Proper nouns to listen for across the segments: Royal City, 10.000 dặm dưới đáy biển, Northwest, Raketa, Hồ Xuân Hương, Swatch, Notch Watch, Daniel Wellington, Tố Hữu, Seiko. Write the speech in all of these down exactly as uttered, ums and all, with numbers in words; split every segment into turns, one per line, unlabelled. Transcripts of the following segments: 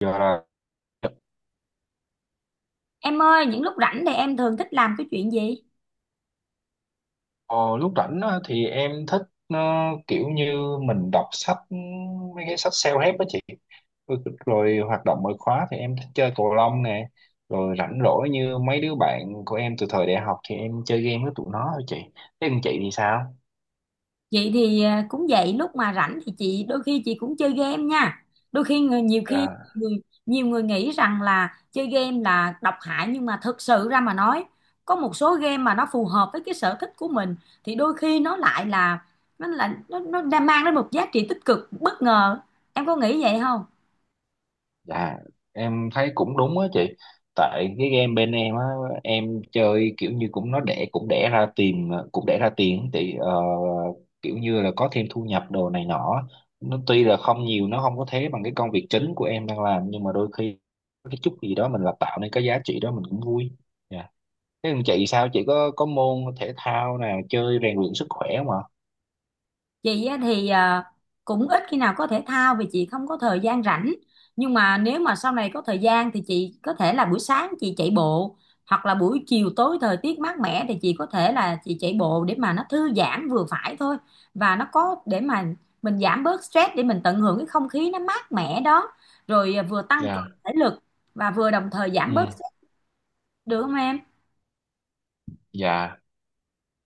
Giờ là
Em ơi, những lúc rảnh thì em thường thích làm cái chuyện gì?
ờ, lúc rảnh á, thì em thích ờ, kiểu như mình đọc sách mấy cái sách self-help đó chị. rồi, rồi hoạt động ngoại khóa thì em thích chơi cầu lông nè. Rồi rảnh rỗi như mấy đứa bạn của em từ thời đại học thì em chơi game với tụi nó thôi chị. Thế còn chị thì sao?
Chị thì à, cũng vậy, lúc mà rảnh thì chị đôi khi chị cũng chơi game nha. Đôi khi người nhiều khi
À.
người, Nhiều người nghĩ rằng là chơi game là độc hại, nhưng mà thực sự ra mà nói, có một số game mà nó phù hợp với cái sở thích của mình thì đôi khi nó lại là nó là nó nó đang mang đến một giá trị tích cực bất ngờ. Em có nghĩ vậy không?
Dạ, em thấy cũng đúng á chị. Tại cái game bên em á, em chơi kiểu như cũng nó đẻ cũng đẻ ra tiền cũng đẻ ra tiền thì ờ, kiểu như là có thêm thu nhập đồ này nọ. Nó tuy là không nhiều, nó không có thế bằng cái công việc chính của em đang làm, nhưng mà đôi khi có cái chút gì đó mình là tạo nên cái giá trị đó, mình cũng vui. Dạ. Thế còn chị sao? Chị có có môn thể thao nào chơi rèn luyện sức khỏe không ạ?
Chị á thì à, cũng ít khi nào có thể thao vì chị không có thời gian rảnh, nhưng mà nếu mà sau này có thời gian thì chị có thể là buổi sáng chị chạy bộ, hoặc là buổi chiều tối thời tiết mát mẻ thì chị có thể là chị chạy bộ để mà nó thư giãn vừa phải thôi, và nó có để mà mình giảm bớt stress, để mình tận hưởng cái không khí nó mát mẻ đó, rồi à, vừa tăng
Dạ.
cường thể lực và vừa đồng thời giảm
Ừ.
bớt stress, được không em?
Dạ.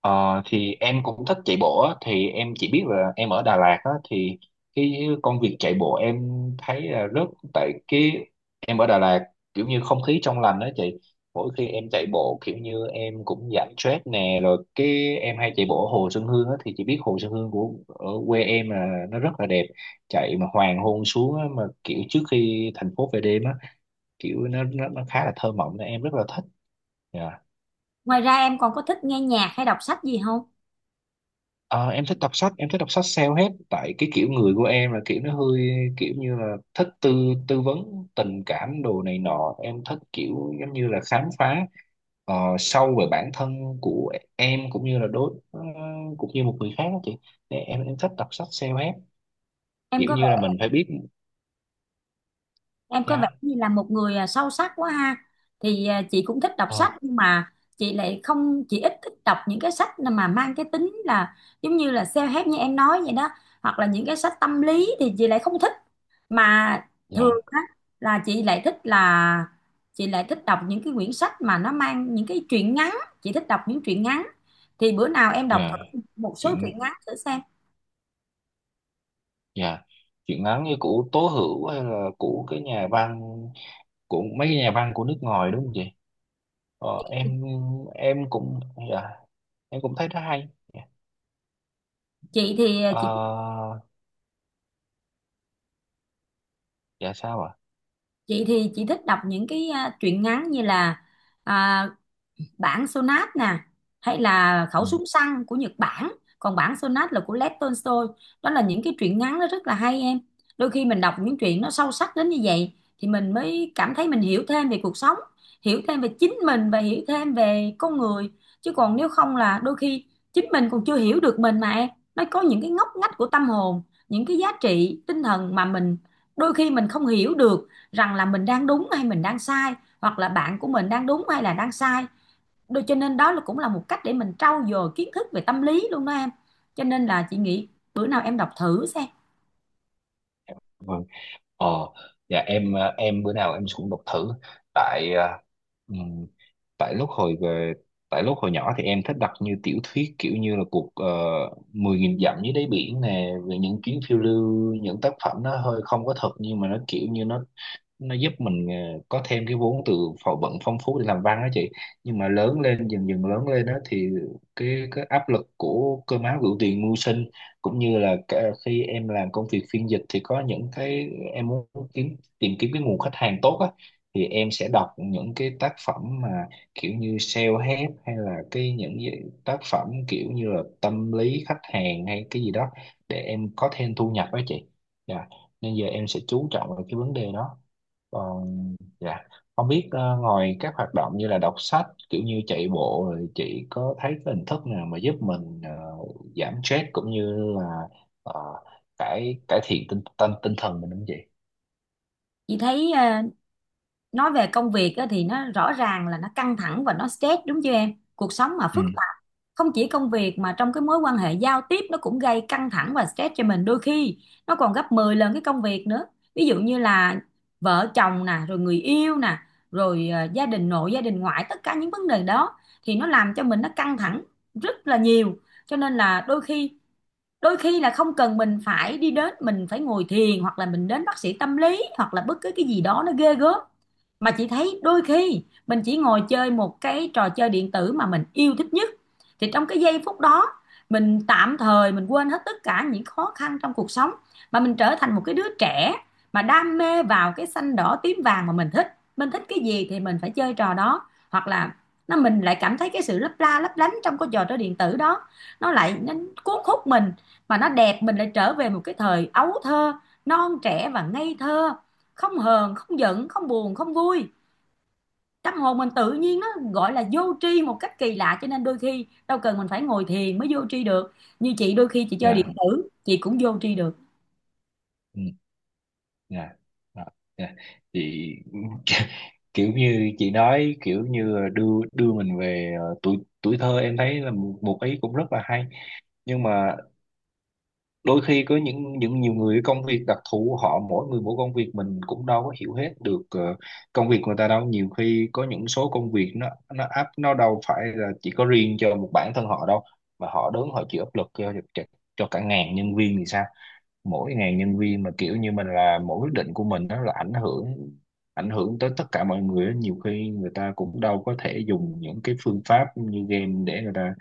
Ờ, thì em cũng thích chạy bộ á, thì em chỉ biết là em ở Đà Lạt á, thì cái công việc chạy bộ em thấy là rất. Tại cái em ở Đà Lạt, kiểu như không khí trong lành đó chị. Mỗi khi em chạy bộ kiểu như em cũng giảm stress nè, rồi cái em hay chạy bộ ở Hồ Xuân Hương á, thì chị biết Hồ Xuân Hương của ở quê em là nó rất là đẹp. Chạy mà hoàng hôn xuống á, mà kiểu trước khi thành phố về đêm á, kiểu nó nó, nó khá là thơ mộng nên em rất là thích. Dạ.
Ngoài ra em còn có thích nghe nhạc hay đọc sách gì không?
Ờ, em thích đọc sách, em thích đọc sách self-help, tại cái kiểu người của em là kiểu nó hơi kiểu như là thích tư tư vấn tình cảm đồ này nọ. Em thích kiểu giống như là khám phá ờ, sâu về bản thân của em, cũng như là đối ờ, cũng như một người khác đó chị. Nè, em em thích đọc sách self-help,
em
kiểu
có
như là mình phải biết
Em có vẻ
giá.
như là một người à, sâu sắc quá ha. Thì à, chị cũng thích đọc sách,
ờ
nhưng mà chị lại không chị ít thích đọc những cái sách mà mang cái tính là giống như là self-help như em nói vậy đó, hoặc là những cái sách tâm lý thì chị lại không thích. Mà thường
dạ,
á là chị lại thích là chị lại thích đọc những cái quyển sách mà nó mang những cái truyện ngắn, chị thích đọc những truyện ngắn. Thì bữa nào em đọc
dạ.
thử một số
chuyện
truyện ngắn thử xem.
dạ Chuyện ngắn như của Tố Hữu, hay là của cái nhà văn, của mấy cái nhà văn của nước ngoài, đúng không chị? Ờ, em em cũng, dạ, em cũng thấy nó hay. Dạ.
Chị thì à, chị
Ờ, dạ, sao ạ?
chị thì chị thích đọc những cái à, truyện ngắn như là à, bản Sonat nè, hay là khẩu
Ừ,
súng săn của Nhật Bản, còn bản Sonat là của Lev Tolstoy. Đó là những cái truyện ngắn nó rất là hay em. Đôi khi mình đọc những truyện nó sâu sắc đến như vậy thì mình mới cảm thấy mình hiểu thêm về cuộc sống, hiểu thêm về chính mình và hiểu thêm về con người. Chứ còn nếu không là đôi khi chính mình còn chưa hiểu được mình mà em, nó có những cái ngóc ngách của tâm hồn, những cái giá trị tinh thần mà mình đôi khi mình không hiểu được rằng là mình đang đúng hay mình đang sai, hoặc là bạn của mình đang đúng hay là đang sai. Đôi- cho nên đó là cũng là một cách để mình trau dồi kiến thức về tâm lý luôn đó em. Cho nên là chị nghĩ bữa nào em đọc thử xem.
vâng. ờ dạ. Em, ờ, em bữa nào em cũng đọc thử. Tại ờ, ừm, tại lúc hồi về tại lúc hồi nhỏ thì em thích đọc như tiểu thuyết, kiểu như là cuộc, ờ, mười nghìn dặm dưới đáy biển nè, về những chuyến phiêu lưu. Những tác phẩm nó hơi không có thật, nhưng mà nó kiểu như nó nó giúp mình ờ, có thêm cái vốn từ phò vận phong phú để làm văn đó chị. Nhưng mà lớn lên, dần dần lớn lên đó, thì cái cái áp lực của cơm áo gạo tiền mưu sinh, cũng như là cả khi em làm công việc phiên dịch, thì có những cái em muốn kiếm tìm kiếm cái nguồn khách hàng tốt á, thì em sẽ đọc những cái tác phẩm mà kiểu như self-help, hay là cái những cái tác phẩm kiểu như là tâm lý khách hàng hay cái gì đó, để em có thêm thu nhập đó chị. Dạ. Nên giờ em sẽ chú trọng vào cái vấn đề đó. Còn, dạ, không biết ờ, ngoài các hoạt động như là đọc sách, kiểu như chạy bộ, rồi chị có thấy cái hình thức nào mà giúp mình ờ, giảm stress, cũng như là ờ, cải cải thiện tinh tinh tinh thần mình không chị?
Chị thấy ờ, nói về công việc á, thì nó rõ ràng là nó căng thẳng và nó stress đúng chưa em, cuộc sống mà
Ừ.
phức tạp, không chỉ công việc mà trong cái mối quan hệ giao tiếp nó cũng gây căng thẳng và stress cho mình, đôi khi nó còn gấp mười lần cái công việc nữa. Ví dụ như là vợ chồng nè, rồi người yêu nè, rồi ờ, gia đình nội gia đình ngoại, tất cả những vấn đề đó thì nó làm cho mình nó căng thẳng rất là nhiều. Cho nên là đôi khi đôi khi là không cần mình phải đi đến mình phải ngồi thiền, hoặc là mình đến bác sĩ tâm lý, hoặc là bất cứ cái gì đó nó ghê gớm. Mà chị thấy đôi khi mình chỉ ngồi chơi một cái trò chơi điện tử mà mình yêu thích nhất, thì trong cái giây phút đó mình tạm thời mình quên hết tất cả những khó khăn trong cuộc sống, mà mình trở thành một cái đứa trẻ, mà đam mê vào cái xanh đỏ tím vàng mà mình thích, mình thích cái gì thì mình phải chơi trò đó. Hoặc là nó mình lại cảm thấy cái sự lấp la lấp lánh trong cái trò chơi điện tử đó, nó lại nó cuốn hút mình, mà nó đẹp, mình lại trở về một cái thời ấu thơ non trẻ và ngây thơ, không hờn không giận không buồn không vui, tâm hồn mình tự nhiên nó gọi là vô tri một cách kỳ lạ. Cho nên đôi khi đâu cần mình phải ngồi thiền mới vô tri được, như chị đôi khi chị chơi điện
Dạ.
tử chị cũng vô tri được.
Ừ. Dạ. Đó, dạ chị. Kiểu như chị nói kiểu như đưa đưa mình về ờ, tuổi, tuổi thơ, em thấy là một, một ý cũng rất là hay. Nhưng mà đôi khi có những những nhiều người công việc đặc thù, họ mỗi người mỗi công việc, mình cũng đâu có hiểu hết được ờ, công việc người ta đâu. Nhiều khi có những số công việc nó nó áp, nó đâu phải là chỉ có riêng cho một bản thân họ đâu, mà họ đứng họ chịu áp lực cho cho, cho cả ngàn nhân viên thì sao? Mỗi ngàn nhân viên mà kiểu như mình là, mỗi quyết định của mình nó là ảnh hưởng, ảnh hưởng tới tất cả mọi người á. Nhiều khi người ta cũng đâu có thể dùng những cái phương pháp như game để người ta,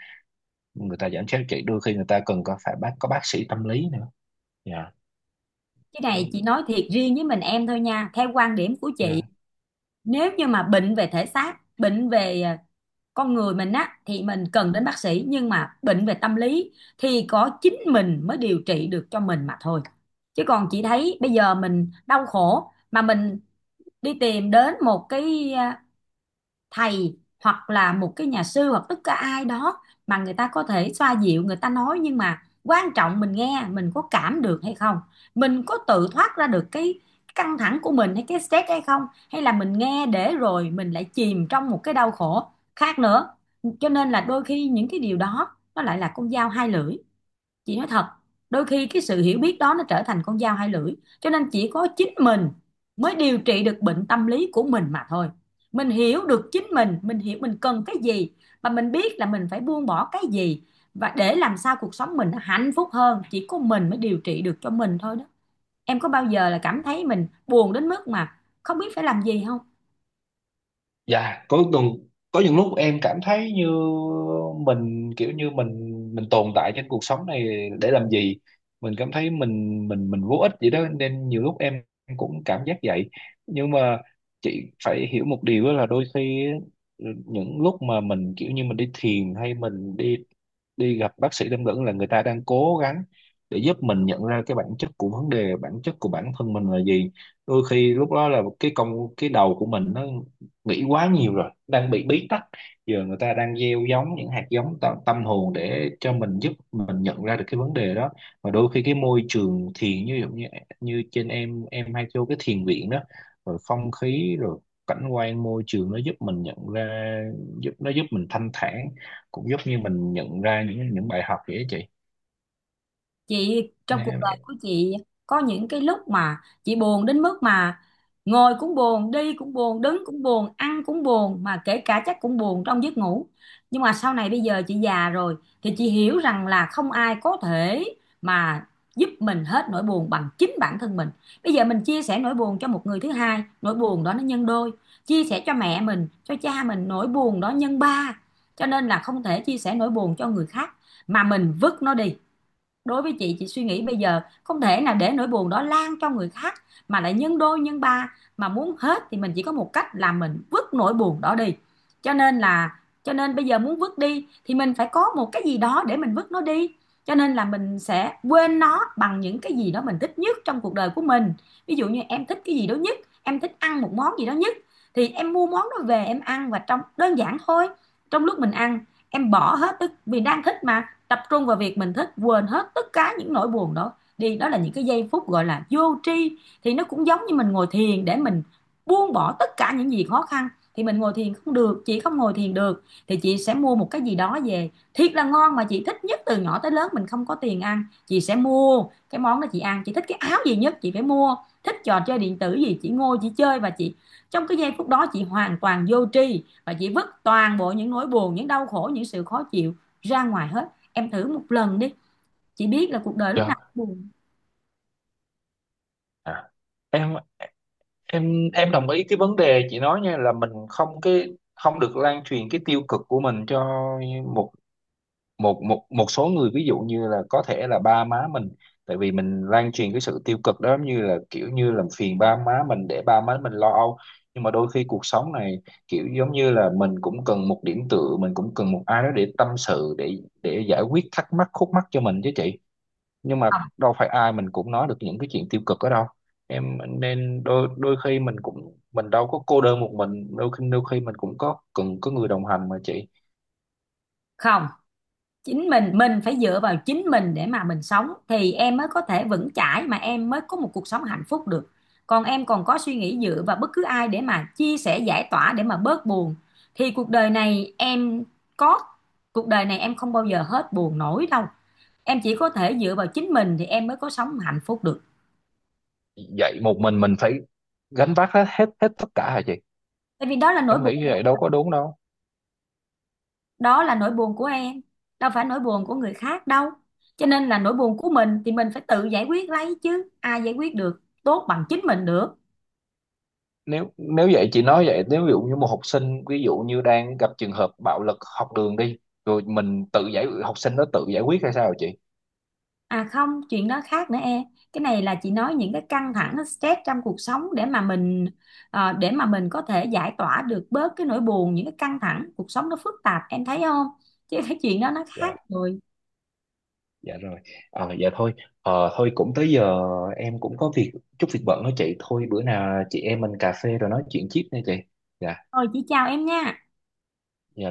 người ta giảm stress. Chỉ đôi khi người ta cần có phải bác, có bác sĩ tâm lý nữa. Dạ.
Cái này
Ừ,
chị nói thiệt riêng với mình em thôi nha, theo quan điểm của chị,
dạ.
nếu như mà bệnh về thể xác, bệnh về à, con người mình á, thì mình cần đến bác sĩ, nhưng mà bệnh về tâm lý thì có chính mình mới điều trị được cho mình mà thôi. Chứ còn chị thấy bây giờ mình đau khổ mà mình đi tìm đến một cái thầy, hoặc là một cái nhà sư, hoặc tất cả ai đó, mà người ta có thể xoa dịu, người ta nói nhưng mà quan trọng mình nghe mình có cảm được hay không, mình có tự thoát ra được cái căng thẳng của mình hay cái stress hay không, hay là mình nghe để rồi mình lại chìm trong một cái đau khổ khác nữa. Cho nên là đôi khi những cái điều đó nó lại là con dao hai lưỡi, chị nói thật, đôi khi cái sự hiểu biết đó nó trở thành con dao hai lưỡi. Cho nên chỉ có chính mình mới điều trị được bệnh tâm lý của mình mà thôi, mình hiểu được chính mình mình hiểu mình cần cái gì và mình biết là mình phải buông bỏ cái gì, và để làm sao cuộc sống mình nó hạnh phúc hơn, chỉ có mình mới điều trị được cho mình thôi đó. Em có bao giờ là cảm thấy mình buồn đến mức mà không biết phải làm gì không?
Dạ, có, từng có những lúc em cảm thấy như mình kiểu như mình mình tồn tại trên cuộc sống này để làm gì. Mình cảm thấy mình mình mình vô ích vậy đó, nên nhiều lúc em cũng cảm giác vậy. Nhưng mà chị phải hiểu một điều đó là, đôi khi những lúc mà mình kiểu như mình đi thiền hay mình đi đi gặp bác sĩ tâm vấn, là người ta đang cố gắng để giúp mình nhận ra cái bản chất của vấn đề, bản chất của bản thân mình là gì. Đôi khi lúc đó là cái công, cái đầu của mình nó nghĩ quá nhiều rồi, đang bị bí tắc, giờ người ta đang gieo giống những hạt giống tâm, tâm hồn để cho mình, giúp mình nhận ra được cái vấn đề đó. Và đôi khi cái môi trường thiền, như giống như, như trên, em em hay vô cái thiền viện đó, rồi không khí, rồi cảnh quan, môi trường, nó giúp mình nhận ra, giúp nó giúp mình thanh thản, cũng giúp như mình nhận ra những những bài học vậy đó chị.
Chị trong
Nên
cuộc đời
em-
của chị có những cái lúc mà chị buồn đến mức mà ngồi cũng buồn, đi cũng buồn, đứng cũng buồn, ăn cũng buồn, mà kể cả chắc cũng buồn trong giấc ngủ. Nhưng mà sau này bây giờ chị già rồi thì chị hiểu rằng là không ai có thể mà giúp mình hết nỗi buồn bằng chính bản thân mình. Bây giờ mình chia sẻ nỗi buồn cho một người thứ hai, nỗi buồn đó nó nhân đôi, chia sẻ cho mẹ mình, cho cha mình, nỗi buồn đó nhân ba. Cho nên là không thể chia sẻ nỗi buồn cho người khác mà mình vứt nó đi. Đối với chị chị suy nghĩ bây giờ không thể nào để nỗi buồn đó lan cho người khác mà lại nhân đôi nhân ba, mà muốn hết thì mình chỉ có một cách là mình vứt nỗi buồn đó đi. Cho nên là cho nên bây giờ muốn vứt đi thì mình phải có một cái gì đó để mình vứt nó đi, cho nên là mình sẽ quên nó bằng những cái gì đó mình thích nhất trong cuộc đời của mình. Ví dụ như em thích cái gì đó nhất, em thích ăn một món gì đó nhất, thì em mua món đó về em ăn, và trong đơn giản thôi, trong lúc mình ăn em bỏ hết, tức vì đang thích mà, tập trung vào việc mình thích, quên hết tất cả những nỗi buồn đó đi. Đó là những cái giây phút gọi là vô tri, thì nó cũng giống như mình ngồi thiền để mình buông bỏ tất cả những gì khó khăn. Thì mình ngồi thiền không được, chị không ngồi thiền được thì chị sẽ mua một cái gì đó về thiệt là ngon mà chị thích nhất, từ nhỏ tới lớn mình không có tiền ăn chị sẽ mua cái món đó chị ăn, chị thích cái áo gì nhất chị phải mua, thích trò chơi điện tử gì chị ngồi chị chơi, và chị trong cái giây phút đó chị hoàn toàn vô tri và chị vứt toàn bộ những nỗi buồn, những đau khổ, những sự khó chịu ra ngoài hết. Em thử một lần đi. Chị biết là cuộc đời lúc nào
dạ.
cũng buồn.
À. Em, em em đồng ý cái vấn đề chị nói nha, là mình không, cái không được lan truyền cái tiêu cực của mình cho một, một một một số người, ví dụ như là có thể là ba má mình. Tại vì mình lan truyền cái sự tiêu cực đó, giống như là kiểu như làm phiền ba má mình, để ba má mình lo âu. Nhưng mà đôi khi cuộc sống này, kiểu giống như là mình cũng cần một điểm tựa, mình cũng cần một ai đó để tâm sự, để để giải quyết thắc mắc khúc mắc cho mình chứ chị. Nhưng mà
Không,
đâu phải ai mình cũng nói được những cái chuyện tiêu cực ở đâu em, nên đôi đôi khi mình cũng mình đâu có cô đơn một mình. Đôi khi đôi khi mình cũng có cần có người đồng hành mà chị.
không, chính mình mình phải dựa vào chính mình để mà mình sống thì em mới có thể vững chãi, mà em mới có một cuộc sống hạnh phúc được. Còn em còn có suy nghĩ dựa vào bất cứ ai để mà chia sẻ giải tỏa để mà bớt buồn thì cuộc đời này em có cuộc đời này em không bao giờ hết buồn nổi đâu. Em chỉ có thể dựa vào chính mình thì em mới có sống hạnh phúc được.
Vậy một mình mình phải gánh vác hết hết hết tất cả hả chị?
Tại vì đó là nỗi
Em nghĩ như
buồn,
vậy đâu có đúng đâu.
đó là nỗi buồn của em, đâu phải nỗi buồn của người khác đâu, cho nên là nỗi buồn của mình thì mình phải tự giải quyết lấy, chứ ai giải quyết được tốt bằng chính mình được.
Nếu nếu vậy chị nói vậy, nếu ví dụ như một học sinh, ví dụ như đang gặp trường hợp bạo lực học đường đi, rồi mình tự giải, học sinh nó tự giải quyết hay sao hả chị?
À không, chuyện đó khác nữa em, cái này là chị nói những cái căng thẳng, cái stress trong cuộc sống để mà mình ờ, để mà mình có thể giải tỏa được bớt cái nỗi buồn, những cái căng thẳng cuộc sống nó phức tạp em thấy không, chứ cái chuyện đó nó khác
Dạ.
rồi.
Dạ rồi. Ờ, dạ thôi. Ờ, thôi cũng tới giờ, em cũng có việc, chút việc bận đó chị. Thôi bữa nào chị em mình cà phê rồi nói chuyện tiếp nha chị. Dạ.
Thôi chị chào em nha.
Dạ.